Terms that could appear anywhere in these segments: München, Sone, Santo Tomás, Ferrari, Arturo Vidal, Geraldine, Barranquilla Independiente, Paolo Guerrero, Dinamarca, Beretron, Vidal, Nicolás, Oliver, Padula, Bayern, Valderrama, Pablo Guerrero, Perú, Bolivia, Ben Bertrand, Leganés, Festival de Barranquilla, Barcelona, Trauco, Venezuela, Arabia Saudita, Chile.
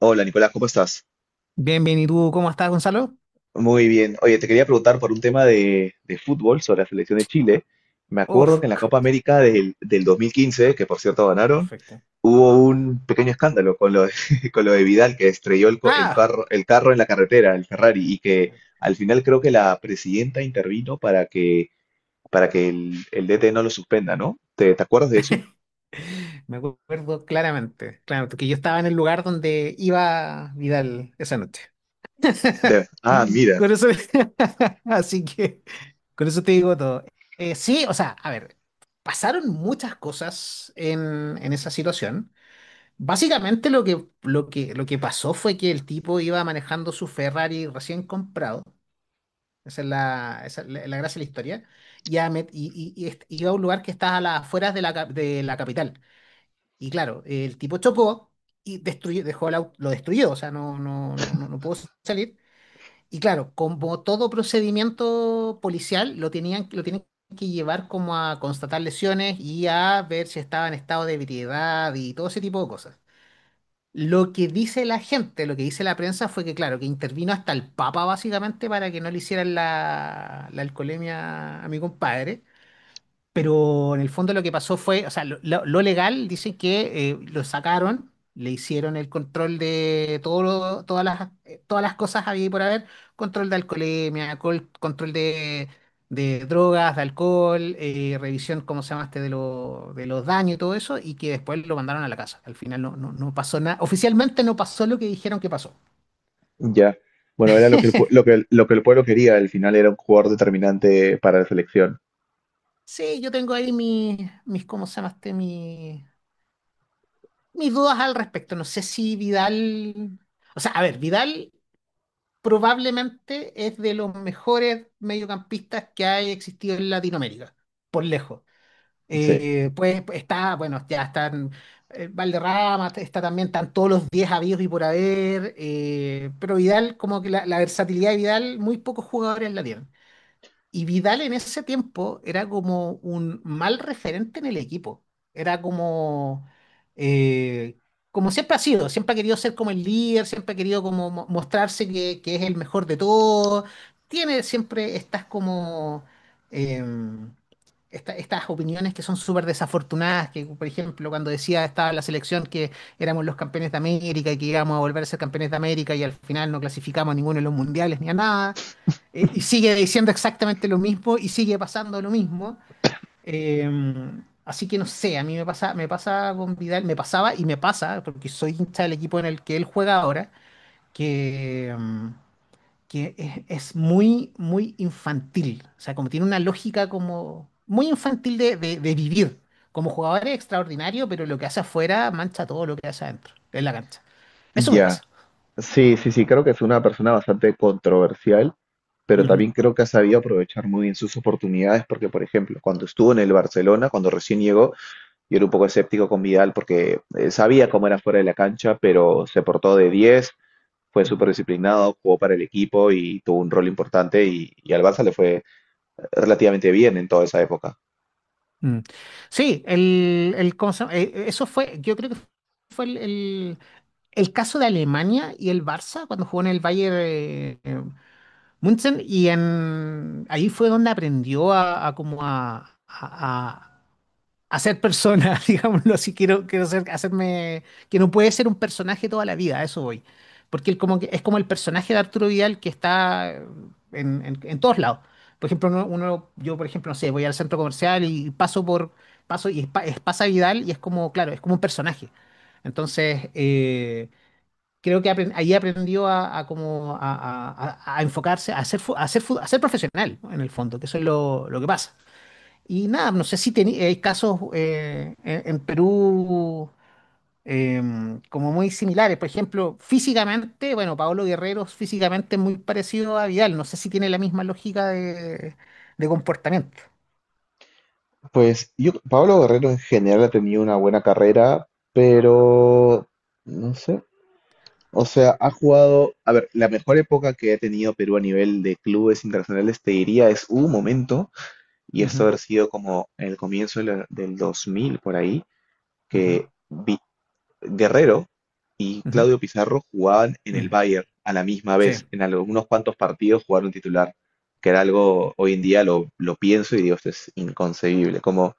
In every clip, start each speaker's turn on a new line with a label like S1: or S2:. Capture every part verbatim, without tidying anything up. S1: Hola Nicolás, ¿cómo estás?
S2: Bien, bien, ¿y tú cómo estás, Gonzalo?
S1: Muy bien. Oye, te quería preguntar por un tema de, de fútbol sobre la selección de Chile. Me acuerdo
S2: Uf,
S1: que en la Copa América del, del dos mil quince, que por cierto ganaron,
S2: perfecto.
S1: hubo un pequeño escándalo con lo de, con lo de Vidal, que estrelló el, co- el
S2: ah,
S1: carro, el carro en la carretera, el Ferrari, y que al final creo que la presidenta intervino para que, para que el, el D T no lo suspenda, ¿no? ¿Te, te acuerdas de eso?
S2: Me acuerdo claramente, claro, porque yo estaba en el lugar donde iba Vidal esa noche.
S1: De- ah,
S2: Mm.
S1: mira,
S2: Con eso, así que, con eso te digo todo. Eh, sí, o sea, a ver, pasaron muchas cosas en, en esa situación. Básicamente lo que, lo que, lo que pasó fue que el tipo iba manejando su Ferrari recién comprado. Esa es la, esa es la, la gracia de la historia. Y, a Met- y, y, y est- y va a un lugar que está a las afueras de la, cap- de la capital. Y claro, el tipo chocó y destruyó, dejó el auto, lo destruyó, o sea, no, no, no, no, no pudo salir. Y claro, como todo procedimiento policial, lo tenían, lo tienen que llevar como a constatar lesiones y a ver si estaba en estado de ebriedad y todo ese tipo de cosas. Lo que dice la gente, lo que dice la prensa fue que, claro, que intervino hasta el Papa básicamente para que no le hicieran la, la alcoholemia a mi compadre. Pero en el fondo lo que pasó fue, o sea, lo, lo- lo legal dice que eh, lo sacaron, le hicieron el control de todo, lo- todas las, eh, todas las cosas había y por haber, control de alcoholemia, alcohol- control de, de drogas, de alcohol, eh, revisión, ¿cómo se llama este? De, lo- de los daños y todo eso, y que después lo mandaron a la casa. Al final no, no, no pasó nada, oficialmente no pasó lo que dijeron que pasó.
S1: ya. Bueno, era lo que el, pue- lo que, el- lo que el pueblo quería, al final era un jugador determinante para la selección.
S2: Sí, yo tengo ahí mis, mis, ¿cómo se llama este? Mi Mis dudas al respecto. No sé si Vidal, O sea, a ver, Vidal probablemente es de los mejores mediocampistas que ha existido en Latinoamérica, por lejos.
S1: Sí,
S2: Eh, pues pues, está, bueno, ya están eh, Valderrama, está también, están todos los diez habidos y por haber, eh, pero Vidal, como que la, la versatilidad de Vidal, muy pocos jugadores la tienen. Y Vidal en ese tiempo era como un mal referente en el equipo. Era como, eh, como siempre ha sido, siempre ha querido ser como el líder, siempre ha querido como mo- mostrarse que, que es el mejor de todos. Tiene siempre estas como em, esta- estas opiniones que son súper desafortunadas, que por ejemplo cuando decía estaba la selección que éramos los campeones de América y que íbamos a volver a ser campeones de América y al final no clasificamos a ninguno de los mundiales ni a nada eh, y sigue diciendo exactamente lo mismo y sigue pasando lo mismo. Eh, así que no sé, a mí me pasa, me pasa con Vidal, me pasaba y me pasa, porque soy hincha del equipo en el que él juega ahora, que, mm, que es, es muy, muy infantil. O sea, como tiene una lógica como muy infantil de, de- de vivir. Como jugador es extraordinario, pero lo que hace afuera mancha todo lo que hace adentro, en la cancha. Eso me
S1: ya.
S2: pasa.
S1: Sí, sí, sí, creo que es una persona bastante controversial, pero
S2: Ujú,
S1: también creo que ha sabido aprovechar muy bien sus oportunidades, porque, por ejemplo, cuando estuvo en el Barcelona, cuando recién llegó, yo era un poco escéptico con Vidal porque eh, sabía cómo era fuera de la cancha, pero se portó de diez, fue súper
S2: ujú.
S1: disciplinado, jugó para el equipo y tuvo un rol importante y, y al Barça le fue relativamente bien en toda esa época.
S2: Mm. Sí, el, el- ¿cómo se llama? Eh, eh, eso fue, yo creo que fue el, el- el caso de Alemania y el Barça cuando jugó en el Bayern eh, eh, München y en, ahí fue donde aprendió a, a como a, a hacer persona, digámoslo así, quiero, quiero ser, hacerme, que no puede ser un personaje toda la vida, a eso voy. Porque él como que, es como el personaje de Arturo Vidal que está en, en- en todos lados. Por ejemplo, uno, uno- yo por ejemplo, no sé, voy al centro comercial y paso por, paso y es, pa- es- pasa Vidal y es como, claro, es como un personaje. Entonces, eh, creo que apren- ahí aprendió a, a como a, a- a- a enfocarse, a ser, fu- a ser, fu- a ser profesional, ¿no? En el fondo, que eso es lo, lo que pasa. Y nada, no sé si teni- hay casos eh, en, en Perú em, como muy similares. Por ejemplo, físicamente, bueno, Paolo Guerrero es físicamente es muy parecido a Vidal. No sé si tiene la misma lógica de, de comportamiento.
S1: Pues yo, Pablo Guerrero en general ha tenido una buena carrera, pero... No sé. O sea, ha jugado, a ver, la mejor época que ha tenido Perú a nivel de clubes internacionales, te diría, es un momento, y esto
S2: Ujú,
S1: haber sido como el comienzo de la- del dos mil por ahí,
S2: ujú,
S1: que Vi- Guerrero y
S2: ujú,
S1: Claudio Pizarro jugaban en el
S2: mm,
S1: Bayern a la misma
S2: sí.
S1: vez, en algunos cuantos partidos jugaron titular, que era algo, hoy en día lo, lo pienso y digo, esto es inconcebible, cómo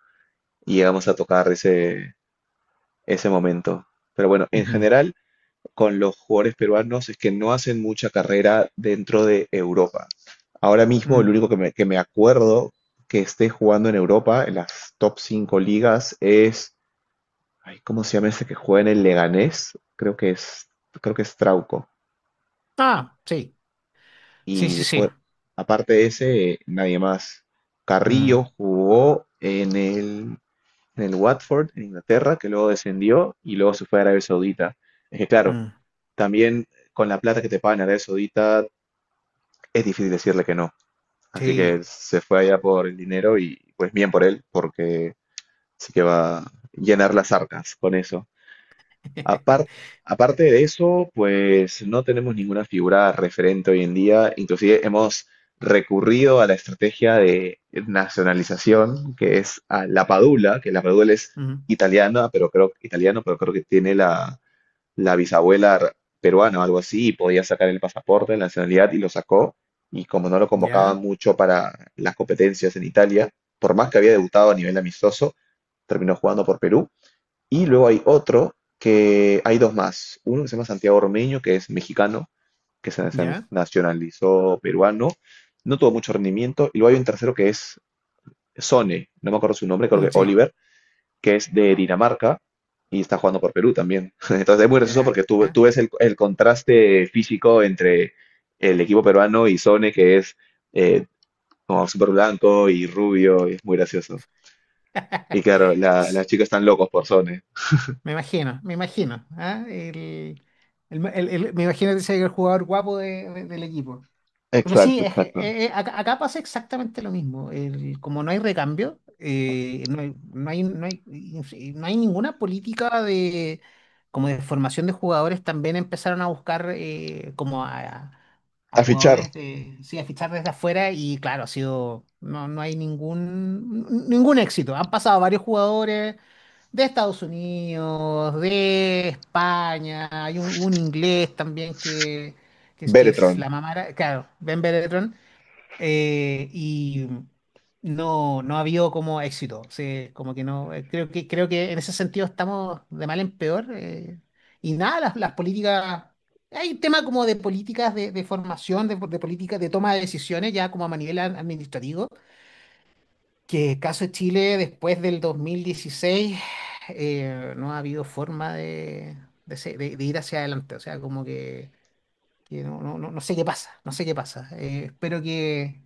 S1: llegamos a tocar ese, ese momento. Pero bueno, en
S2: Ujú,
S1: general, con los jugadores peruanos es que no hacen mucha carrera dentro de Europa. Ahora mismo el
S2: mm.
S1: único que me, que me acuerdo que esté jugando en Europa, en las top cinco ligas, es, ay, ¿cómo se llama ese que juega en el Leganés? Creo que es, creo que es Trauco.
S2: Ah, sí. Sí, sí,
S1: Y
S2: sí.
S1: pues, aparte de ese, eh, nadie más.
S2: Mm,
S1: Carrillo jugó en el, en el Watford, en Inglaterra, que luego descendió y luego se fue a Arabia Saudita. Es que claro,
S2: mm,
S1: también con la plata que te pagan en Arabia Saudita es difícil decirle que no. Así
S2: sí.
S1: que se fue allá por el dinero y pues bien por él, porque sí que va a llenar las arcas con eso. Apar- Aparte de eso, pues no tenemos ninguna figura referente hoy en día. Inclusive hemos recurrido a la estrategia de nacionalización, que es a la Padula, que la Padula es
S2: Mm,
S1: italiana, pero creo, italiano, pero creo que tiene la la bisabuela peruana o algo así, y podía sacar el pasaporte, la nacionalidad, y lo sacó. Y como no lo convocaban
S2: ya,
S1: mucho para las competencias en Italia, por más que había debutado a nivel amistoso, terminó jugando por Perú. Y luego hay otro que hay dos más. Uno que se llama Santiago Ormeño, que es mexicano, que se se
S2: ya,
S1: nacionalizó peruano, no tuvo mucho rendimiento. Y luego hay un tercero que es Sone, no me acuerdo su nombre, creo
S2: mm,
S1: que
S2: sí.
S1: Oliver, que es de Dinamarca y está jugando por Perú también. Entonces es muy gracioso
S2: Mira.
S1: porque tú, tú ves el, el contraste físico entre el equipo peruano y Sone, que es eh, como súper blanco y rubio, y es muy gracioso. Y claro, la- las chicas están locos por Sone.
S2: Me imagino, me imagino. ¿Ah? El, el- el- el- me imagino que ese es el jugador guapo de- de- del equipo. Pero sí,
S1: Exacto,
S2: es que,
S1: exacto.
S2: eh, eh, acá, acá pasa exactamente lo mismo. El- como no hay recambio, eh, no hay, no hay, no hay, y no hay ninguna política de, como de formación de jugadores. También empezaron a buscar eh, como a, a
S1: A fichar,
S2: jugadores de, sí, a fichar desde afuera y claro, ha sido, no, no hay ningún, ningún éxito. Han pasado varios jugadores de Estados Unidos, de España, hay un, un inglés también que, que es, que
S1: Beretron.
S2: es la mamá, claro, Ben Bertrand, eh, y no, no ha habido como éxito, sí, como que no, eh, creo que, creo que en ese sentido estamos de mal en peor, eh, y nada, las, las políticas, hay un tema como de políticas de, de formación, de, de políticas de toma de decisiones, ya como a nivel administrativo que caso de Chile, después del dos mil dieciséis, eh, no ha habido forma de, de, se- de- de ir hacia adelante. O sea, como que, que no, no, no, no sé qué pasa, no sé qué pasa. Eh, espero que,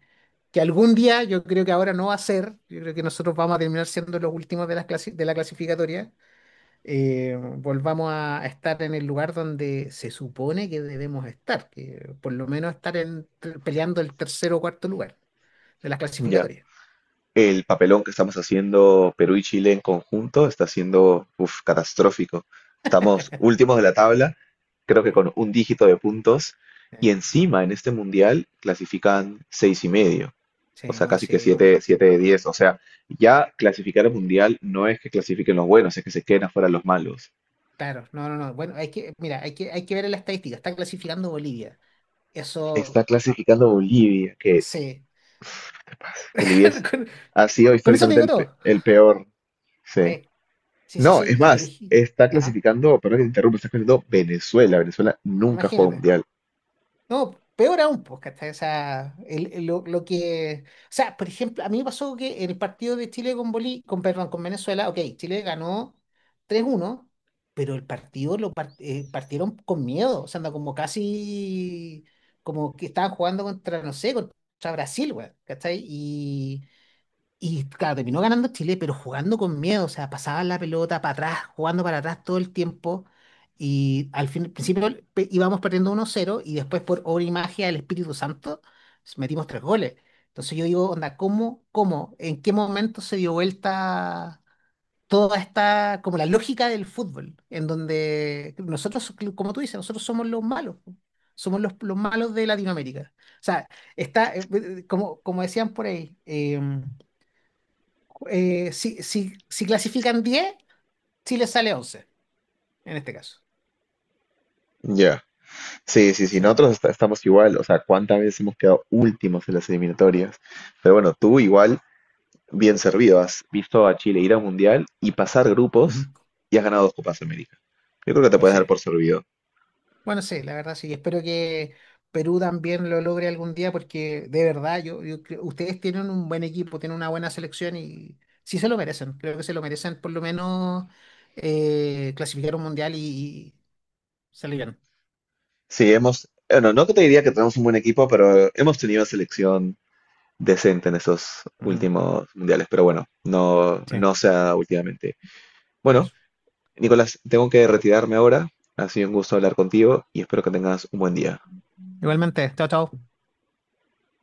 S2: que algún día, yo creo que ahora no va a ser, yo creo que nosotros vamos a terminar siendo los últimos de, las clasi- de la clasificatoria, eh, volvamos a a estar en el lugar donde se supone que debemos estar, que por lo menos estar en- peleando el tercer o cuarto lugar de las
S1: Ya.
S2: clasificatorias.
S1: El papelón que estamos haciendo Perú y Chile en conjunto está siendo uf, catastrófico. Estamos últimos de la tabla, creo que
S2: Sí.
S1: con un dígito de puntos, y encima en este mundial clasifican seis y medio, o
S2: Sí,
S1: sea,
S2: no,
S1: casi
S2: sí,
S1: que
S2: es una...
S1: siete, siete de diez. O sea, ya clasificar al mundial no es que clasifiquen los buenos, es que se queden afuera los malos.
S2: Claro, no, no, no. Bueno, hay que, mira, hay que, hay que ver en la estadística. Está clasificando Bolivia.
S1: Está
S2: Eso,
S1: clasificando Bolivia, que
S2: sí.
S1: Bolivia es-
S2: Con,
S1: ha sido
S2: con eso te
S1: históricamente
S2: digo
S1: el, pe-
S2: todo.
S1: el peor. Sí.
S2: Sí, sí, sí,
S1: No,
S2: sí.
S1: es
S2: Y por
S1: más,
S2: ejemplo,
S1: está
S2: ajá,
S1: clasificando, perdón que te interrumpa, está clasificando Venezuela. Venezuela nunca juega
S2: imagínate.
S1: mundial.
S2: No, peor aún, pues, ¿cachai? O sea, el- el- lo, lo que. O sea, por ejemplo, a mí me pasó que en el partido de Chile con Bolí, con, perdón, con Venezuela, ok, Chile ganó tres uno pero el partido lo par- eh, partieron con miedo, o sea, anda como casi. Como que estaban jugando contra, no sé, contra Brasil, güey, ¿cachai? Y claro, terminó ganando Chile, pero jugando con miedo, o sea, pasaban la pelota para atrás, jugando para atrás todo el tiempo. Y al fin, al principio pe- íbamos perdiendo uno cero y después por obra y magia del Espíritu Santo metimos tres goles. Entonces yo digo, onda, ¿cómo, ¿cómo, en qué momento se dio vuelta toda esta, como la lógica del fútbol, en donde nosotros, como tú dices, nosotros somos los malos, somos los, los malos de Latinoamérica. O sea, está, eh, eh, como, como decían por ahí. eh, eh, si, si, si clasifican diez, Chile sale once, en este caso.
S1: Ya. Sí, sí, sí,
S2: Sí,
S1: nosotros est- estamos igual. O sea, ¿cuántas veces hemos quedado últimos en las eliminatorias? Pero bueno, tú igual, bien servido, has visto a Chile ir a un mundial y pasar grupos
S2: ujú,
S1: y has ganado dos Copas América. Yo creo que te
S2: pues
S1: puedes dar
S2: sí.
S1: por servido.
S2: Bueno, sí, la verdad sí. Espero que Perú también lo logre algún día porque de verdad, yo, yo creo- ustedes tienen un buen equipo, tienen una buena selección y sí se lo merecen. Creo que se lo merecen por lo menos eh, clasificar un mundial y, y salir bien.
S1: Sí, hemos, bueno, no que te diría que tenemos un buen equipo, pero hemos tenido selección decente en esos
S2: Ujú,
S1: últimos mundiales. Pero bueno, no,
S2: sí,
S1: no sea últimamente. Bueno,
S2: eso.
S1: Nicolás, tengo que retirarme ahora. Ha sido un gusto hablar contigo y espero que tengas un buen día.
S2: Igualmente, chao, chao.